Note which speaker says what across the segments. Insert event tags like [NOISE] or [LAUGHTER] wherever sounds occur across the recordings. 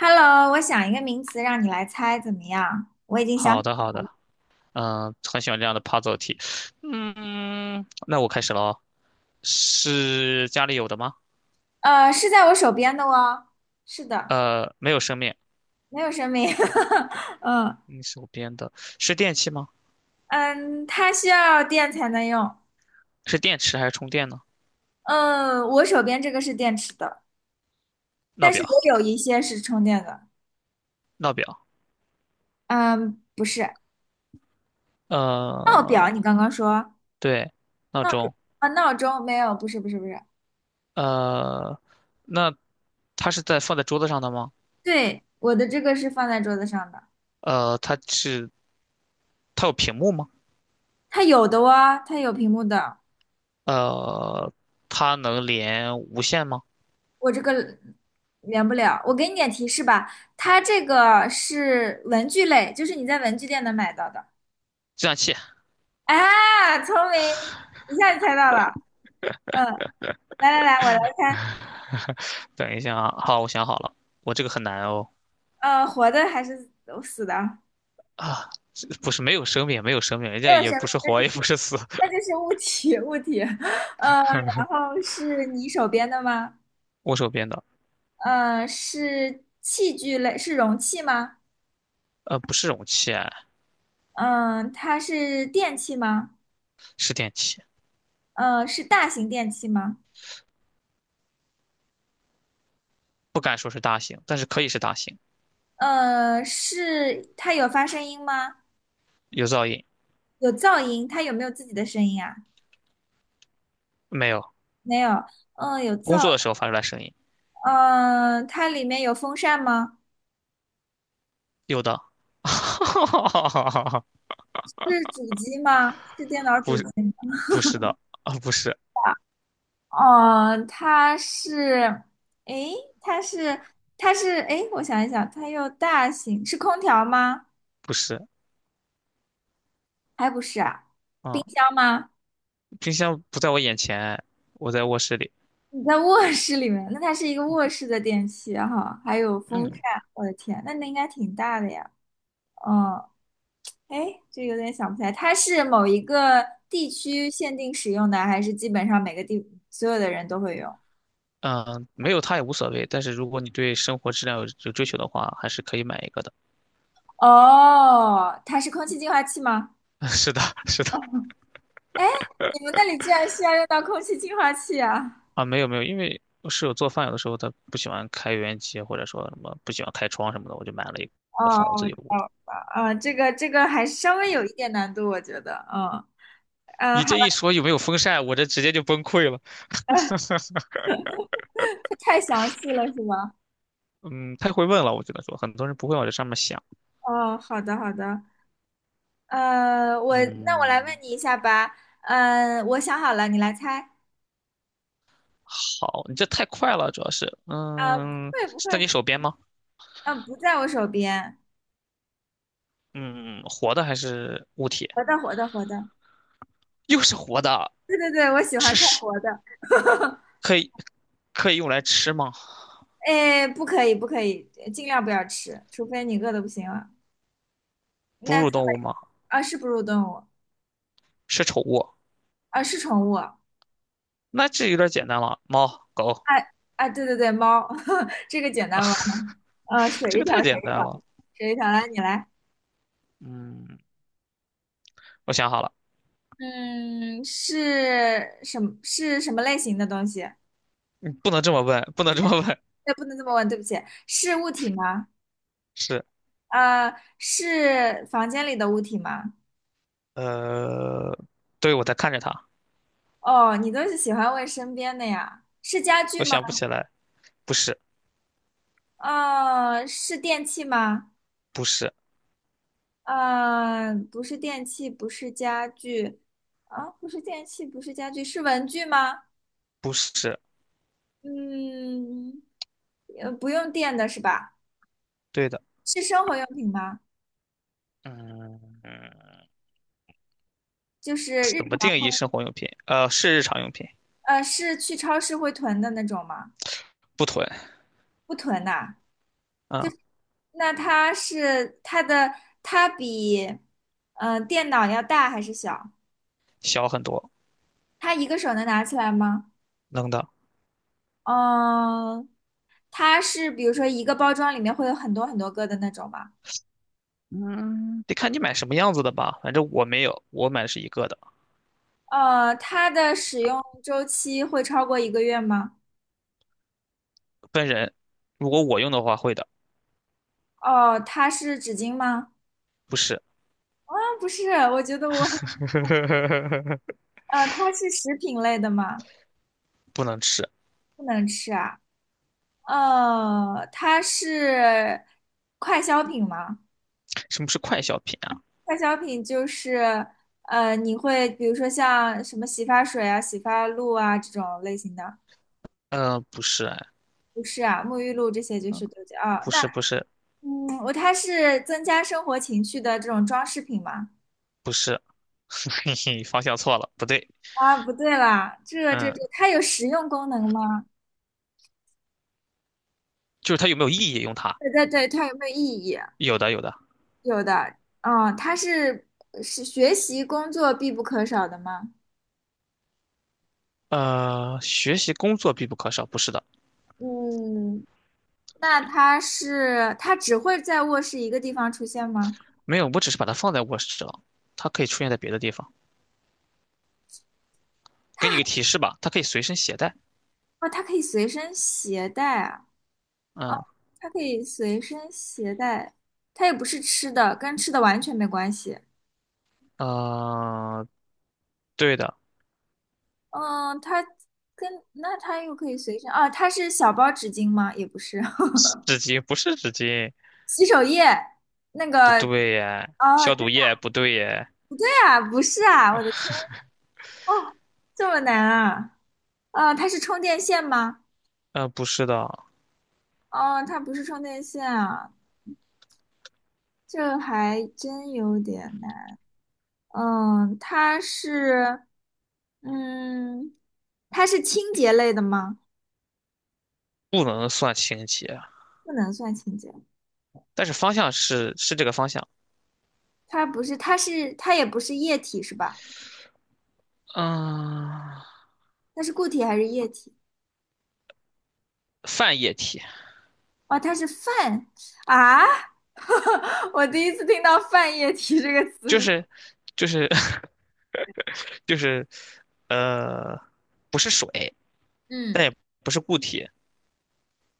Speaker 1: Hello，我想一个名词让你来猜，怎么样？我已经想，
Speaker 2: 好的，好的，嗯，很喜欢这样的 puzzle 题。嗯，那我开始了哦。是家里有的吗？
Speaker 1: 是在我手边的哦。是的，
Speaker 2: 呃，没有生命，
Speaker 1: 没有生命。[LAUGHS] 嗯
Speaker 2: 你手边的是电器吗？
Speaker 1: 嗯，它需要电才能用。
Speaker 2: 是电池还是充电呢？
Speaker 1: 嗯，我手边这个是电池的，
Speaker 2: 闹
Speaker 1: 但是
Speaker 2: 表，
Speaker 1: 也有一些是充电的。
Speaker 2: 闹表，
Speaker 1: 嗯，不是闹表，
Speaker 2: 呃，
Speaker 1: 你刚刚说
Speaker 2: 对，闹钟，
Speaker 1: 啊，闹钟没有，不是不是不是。
Speaker 2: 呃，那它是在放在桌子上的吗？
Speaker 1: 对，我的这个是放在桌子上的，
Speaker 2: 呃，它有屏幕吗？
Speaker 1: 它有的哦，它有屏幕的。
Speaker 2: 呃，它能连无线吗？
Speaker 1: 我这个连不了，我给你点提示吧，它这个是文具类，就是你在文具店能买到的。
Speaker 2: 计算器，
Speaker 1: 啊，聪明，一下就猜到了。嗯，来来来，我来猜，
Speaker 2: [LAUGHS] 等一下啊，好，我想好了，我这个很难哦。
Speaker 1: 活的还是死的？
Speaker 2: 啊，这不是没有生命，没有生命，人
Speaker 1: 没
Speaker 2: 家
Speaker 1: 有生
Speaker 2: 也
Speaker 1: 命，
Speaker 2: 不是
Speaker 1: 那就
Speaker 2: 活，也不
Speaker 1: 是
Speaker 2: 是死。[LAUGHS]
Speaker 1: 物体，物体。嗯，然后是你手边的吗？
Speaker 2: 我手边的，
Speaker 1: 嗯，是器具类，是容器吗？
Speaker 2: 呃，不是容器啊，
Speaker 1: 嗯、它是电器吗？
Speaker 2: 是电器，
Speaker 1: 嗯，是大型电器吗？
Speaker 2: 不敢说是大型，但是可以是大型。
Speaker 1: 嗯，是它有发声音吗？
Speaker 2: 有噪音
Speaker 1: 有噪音，它有没有自己的声音啊？
Speaker 2: 没有？
Speaker 1: 没有。嗯，有
Speaker 2: 工
Speaker 1: 噪。
Speaker 2: 作的时候发出来声音，
Speaker 1: 嗯，它里面有风扇吗？
Speaker 2: 有的。[LAUGHS]
Speaker 1: 是主机吗？是电脑主
Speaker 2: 不
Speaker 1: 机
Speaker 2: 是，
Speaker 1: 吗？
Speaker 2: 不是的，啊，不是，
Speaker 1: 哦，它是，诶，它是，它是，诶，我想一想，它又大型，是空调吗？
Speaker 2: 不是，
Speaker 1: 还不是啊，
Speaker 2: 嗯，
Speaker 1: 冰箱吗？
Speaker 2: 冰箱不在我眼前，我在卧室里。
Speaker 1: 你在卧室里面，那它是一个卧室的电器哈，还有风扇，
Speaker 2: 嗯，
Speaker 1: 我的天，那应该挺大的呀。嗯，哎，这有点想不起来，它是某一个地区限定使用的，还是基本上每个地所有的人都会有？
Speaker 2: 嗯，没有它也无所谓，但是如果你对生活质量有追求的话，还是可以买一个的。
Speaker 1: 哦，它是空气净化器吗？
Speaker 2: [LAUGHS] 是的，是的。
Speaker 1: 哦，你们那里居然需要用到空气净化器啊？
Speaker 2: 啊，没有没有，因为我室友做饭有的时候他不喜欢开油烟机，或者说什么不喜欢开窗什么的，我就买了一个
Speaker 1: 哦，
Speaker 2: 放我自
Speaker 1: 我
Speaker 2: 己
Speaker 1: 知
Speaker 2: 屋
Speaker 1: 道
Speaker 2: 里。
Speaker 1: 了，啊，这个还稍微有一点难度，我觉得，嗯嗯，
Speaker 2: 你
Speaker 1: 好
Speaker 2: 这一说有没有风扇，我这直接就崩溃了。
Speaker 1: 的，
Speaker 2: [LAUGHS]
Speaker 1: [LAUGHS] 太详细了是吗？
Speaker 2: 嗯，太会问了，我只能说很多人不会往这上面想。
Speaker 1: 哦，好的好的，我那我来
Speaker 2: 嗯，
Speaker 1: 问你一下吧，我想好了，你来猜，
Speaker 2: 好，你这太快了，主要是，
Speaker 1: 不
Speaker 2: 嗯，
Speaker 1: 会不
Speaker 2: 是
Speaker 1: 会，
Speaker 2: 在你手边吗？
Speaker 1: 嗯，不在我手边，
Speaker 2: 嗯，活的还是物体？
Speaker 1: 活的活的活的。
Speaker 2: 又是活的，
Speaker 1: 对对对，我喜欢
Speaker 2: 是
Speaker 1: 看
Speaker 2: 食，
Speaker 1: 活的。
Speaker 2: 可以可以用来吃吗？
Speaker 1: 哎，不可以不可以，尽量不要吃，除非你饿的不行了。
Speaker 2: 哺
Speaker 1: 那
Speaker 2: 乳
Speaker 1: 最
Speaker 2: 动物
Speaker 1: 后
Speaker 2: 吗？
Speaker 1: 啊，是哺乳动物
Speaker 2: 是宠物？
Speaker 1: 啊，是宠物。
Speaker 2: 那这有点简单了，猫、狗。
Speaker 1: 哎啊，对对对，猫，[LAUGHS] 这个简单吧？水
Speaker 2: 这
Speaker 1: 一
Speaker 2: 个
Speaker 1: 条，
Speaker 2: 太
Speaker 1: 水
Speaker 2: 简
Speaker 1: 一
Speaker 2: 单
Speaker 1: 条，
Speaker 2: 了。
Speaker 1: 水一条，来你来。
Speaker 2: 嗯，我想好了，
Speaker 1: 嗯，是什么？是什么类型的东西？
Speaker 2: 不能这么问，不能这么问。
Speaker 1: 对，不能这么问，对不起，是物体吗？
Speaker 2: 是，
Speaker 1: 是房间里的物体吗？
Speaker 2: 呃，对，我在看着他，
Speaker 1: 哦，你都是喜欢问身边的呀？是家具
Speaker 2: 我
Speaker 1: 吗？
Speaker 2: 想不起来，不是，
Speaker 1: 是电器吗？
Speaker 2: 不是，
Speaker 1: 嗯，不是电器，不是家具，啊，不是电器，不是家具，是文具吗？
Speaker 2: 不是，
Speaker 1: 嗯，不用电的是吧？
Speaker 2: 对的，
Speaker 1: 是生活用品吗？
Speaker 2: 嗯嗯，
Speaker 1: 就是日
Speaker 2: 怎么定
Speaker 1: 常，
Speaker 2: 义生活用品？呃，是日常用品，
Speaker 1: 是去超市会囤的那种吗？
Speaker 2: 不囤，
Speaker 1: 不囤呐。
Speaker 2: 嗯，
Speaker 1: 那它是它的，它比，嗯，电脑要大还是小？
Speaker 2: 小很多，
Speaker 1: 它一个手能拿起来吗？
Speaker 2: 能的，
Speaker 1: 嗯，它是比如说一个包装里面会有很多很多个的那种吗？
Speaker 2: 嗯，得看你买什么样子的吧，反正我没有，我买的是一个的，
Speaker 1: 它的使用周期会超过一个月吗？
Speaker 2: 分人，如果我用的话会的，
Speaker 1: 哦，它是纸巾吗？
Speaker 2: 不是，
Speaker 1: 啊，不是，我觉得我，
Speaker 2: [LAUGHS]
Speaker 1: 它是食品类的吗？
Speaker 2: 不能吃，
Speaker 1: 不能吃啊。它是快消品吗？
Speaker 2: 什么是快消品啊？
Speaker 1: 快消品就是，你会比如说像什么洗发水啊、洗发露啊这种类型的，
Speaker 2: 呃，不是，哎，
Speaker 1: 不是啊，沐浴露这些就
Speaker 2: 嗯
Speaker 1: 是都叫啊。
Speaker 2: 不是
Speaker 1: 嗯，我它是增加生活情趣的这种装饰品吗？
Speaker 2: 不是，[LAUGHS] 嘿嘿，方向错了，不对，
Speaker 1: 啊，不对啦，这这
Speaker 2: 嗯，
Speaker 1: 这，它有实用功能吗？
Speaker 2: 就是它有没有意义用它？
Speaker 1: 对对对，它有没有意义？
Speaker 2: 有的有的，
Speaker 1: 有的，嗯，它是学习工作必不可少的吗？
Speaker 2: 呃，学习工作必不可少，不是的，
Speaker 1: 嗯，那它是它只会在卧室一个地方出现吗？
Speaker 2: 没有，我只是把它放在卧室了，它可以出现在别的地方。给你个提示吧，它可以随身携带。
Speaker 1: 哦，它可以随身携带啊，
Speaker 2: 嗯，
Speaker 1: 它可以随身携带，它也不是吃的，跟吃的完全没关系。
Speaker 2: 呃，对的，
Speaker 1: 嗯，它跟那它又可以随身啊，它是小包纸巾吗？也不是，[LAUGHS]
Speaker 2: 纸巾不是纸巾，
Speaker 1: 洗手液那个
Speaker 2: 不对耶，
Speaker 1: 哦，
Speaker 2: 消
Speaker 1: 真
Speaker 2: 毒液不对耶，
Speaker 1: 的呀，不是啊，我的天，这么难啊？啊，它是充电线吗？
Speaker 2: 呃，不是的，
Speaker 1: 哦，它不是充电线啊，这还真有点难。嗯，它是嗯，它是清洁类的吗？
Speaker 2: 不能算清洁，
Speaker 1: 不能算清洁，
Speaker 2: 但是方向是这个方向。
Speaker 1: 它不是，它是它也不是液体是吧？
Speaker 2: 嗯，
Speaker 1: 它是固体还是液体？
Speaker 2: 泛液体。
Speaker 1: 哦，它是泛啊！[LAUGHS] 我第一次听到“泛液体”这个词
Speaker 2: 就
Speaker 1: 是什么
Speaker 2: 是就是 [LAUGHS] 就是呃，不是水，但
Speaker 1: 嗯，
Speaker 2: 也不是固体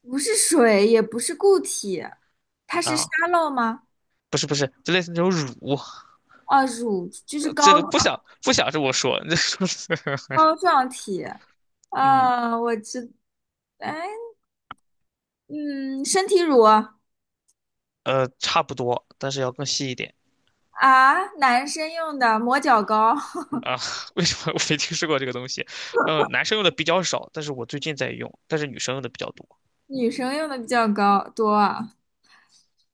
Speaker 1: 不是水，也不是固体，它是沙
Speaker 2: 啊，
Speaker 1: 漏吗？
Speaker 2: 不是不是，就类似那种乳，
Speaker 1: 哦，乳就是
Speaker 2: 呃
Speaker 1: 膏
Speaker 2: 这个
Speaker 1: 状
Speaker 2: 不想这么说，
Speaker 1: 膏状体。
Speaker 2: [LAUGHS] 嗯
Speaker 1: 啊，我知，哎，嗯，身体乳啊，
Speaker 2: 呃，差不多，但是要更细一点
Speaker 1: 男生用的磨脚膏，[LAUGHS]
Speaker 2: 啊。[LAUGHS] 为什么我没听说过这个东西？呃，男生用的比较少，但是我最近在用，但是女生用的比较多。
Speaker 1: 女生用的比较高多啊。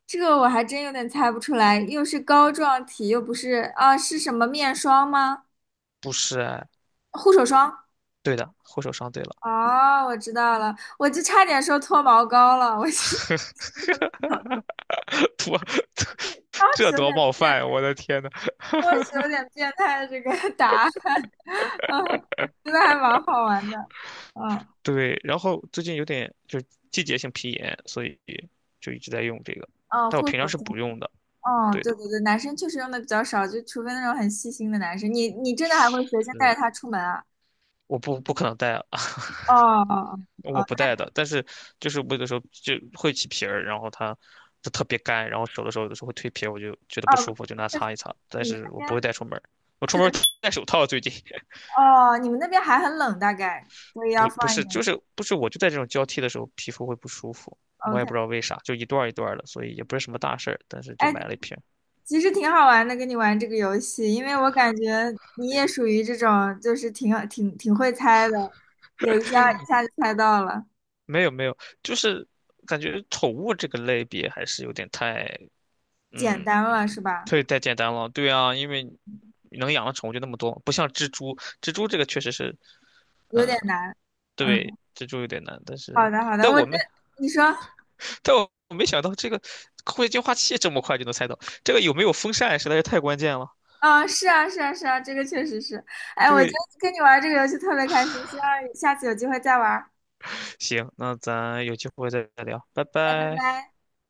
Speaker 1: 这个我还真有点猜不出来，又是膏状体，又不是啊，是什么面霜吗？
Speaker 2: 不是哎，
Speaker 1: 护手霜。
Speaker 2: 对的，护手霜对了，
Speaker 1: 哦，我知道了，我就差点说脱毛膏了，我是 [LAUGHS]
Speaker 2: [LAUGHS] 多
Speaker 1: 当
Speaker 2: 这
Speaker 1: 时有
Speaker 2: 多
Speaker 1: 点
Speaker 2: 冒
Speaker 1: 变
Speaker 2: 犯
Speaker 1: 态，
Speaker 2: 啊，我的天呐！
Speaker 1: 当时有点变态的这个答案，[LAUGHS] 嗯，真的还蛮好玩的，嗯，
Speaker 2: 对，然后最近有点就是季节性皮炎，所以就一直在用这个，
Speaker 1: 嗯
Speaker 2: 但我
Speaker 1: 护手
Speaker 2: 平常是
Speaker 1: 霜，
Speaker 2: 不用的。
Speaker 1: 哦，
Speaker 2: 对
Speaker 1: 对
Speaker 2: 的，
Speaker 1: 对对，男生确实用的比较少，就除非那种很细心的男生，你你真的还会随身带
Speaker 2: 是，
Speaker 1: 着它出门啊？
Speaker 2: 我不可能戴啊，[LAUGHS]
Speaker 1: 哦哦哦，
Speaker 2: 我
Speaker 1: 哦
Speaker 2: 不戴的。但是就是我有的时候就会起皮儿，然后它就特别干，然后手的时候有的时候会蜕皮儿，我就觉得
Speaker 1: 那
Speaker 2: 不舒
Speaker 1: 哦，
Speaker 2: 服，就拿
Speaker 1: 确实
Speaker 2: 擦一擦。但
Speaker 1: 你们那
Speaker 2: 是我不会
Speaker 1: 边
Speaker 2: 带出门儿我出
Speaker 1: 是
Speaker 2: 门儿
Speaker 1: 的，
Speaker 2: 戴手套。最近 [LAUGHS]
Speaker 1: 哦，你们那边还很冷，大概，所以要
Speaker 2: 不不
Speaker 1: 放一
Speaker 2: 是就
Speaker 1: 点
Speaker 2: 是不是我就在这种交替的时候皮肤会不舒服，我也
Speaker 1: ，OK。
Speaker 2: 不知道为啥，就一段儿一段儿的，所以也不是什么大事儿，但是就
Speaker 1: 哎，
Speaker 2: 买了一瓶。
Speaker 1: 其实挺好玩的，跟你玩这个游戏，因为我感觉你也属于这种，就是挺会猜的，有一下一下就猜到了，
Speaker 2: 没有没有，就是感觉宠物这个类别还是有点太，
Speaker 1: 简
Speaker 2: 嗯
Speaker 1: 单了
Speaker 2: 嗯，
Speaker 1: 是吧？
Speaker 2: 太简单了。对啊，因为能养的宠物就那么多，不像蜘蛛，蜘蛛这个确实是，
Speaker 1: 有点难。
Speaker 2: 对，
Speaker 1: 嗯，
Speaker 2: 蜘蛛有点难。但
Speaker 1: 好
Speaker 2: 是，
Speaker 1: 的好的，
Speaker 2: 但
Speaker 1: 我
Speaker 2: 我
Speaker 1: 觉得
Speaker 2: 没，
Speaker 1: 你说，
Speaker 2: 但我没想到这个空气净化器这么快就能猜到，这个有没有风扇实在是太关键了。
Speaker 1: 啊是啊是啊是啊，这个确实是。哎，我觉
Speaker 2: 对，
Speaker 1: 得跟你玩这个游戏特别开心，希望下次有机会再玩儿。
Speaker 2: 行，那咱有机会再聊，拜
Speaker 1: 拜
Speaker 2: 拜。
Speaker 1: 拜。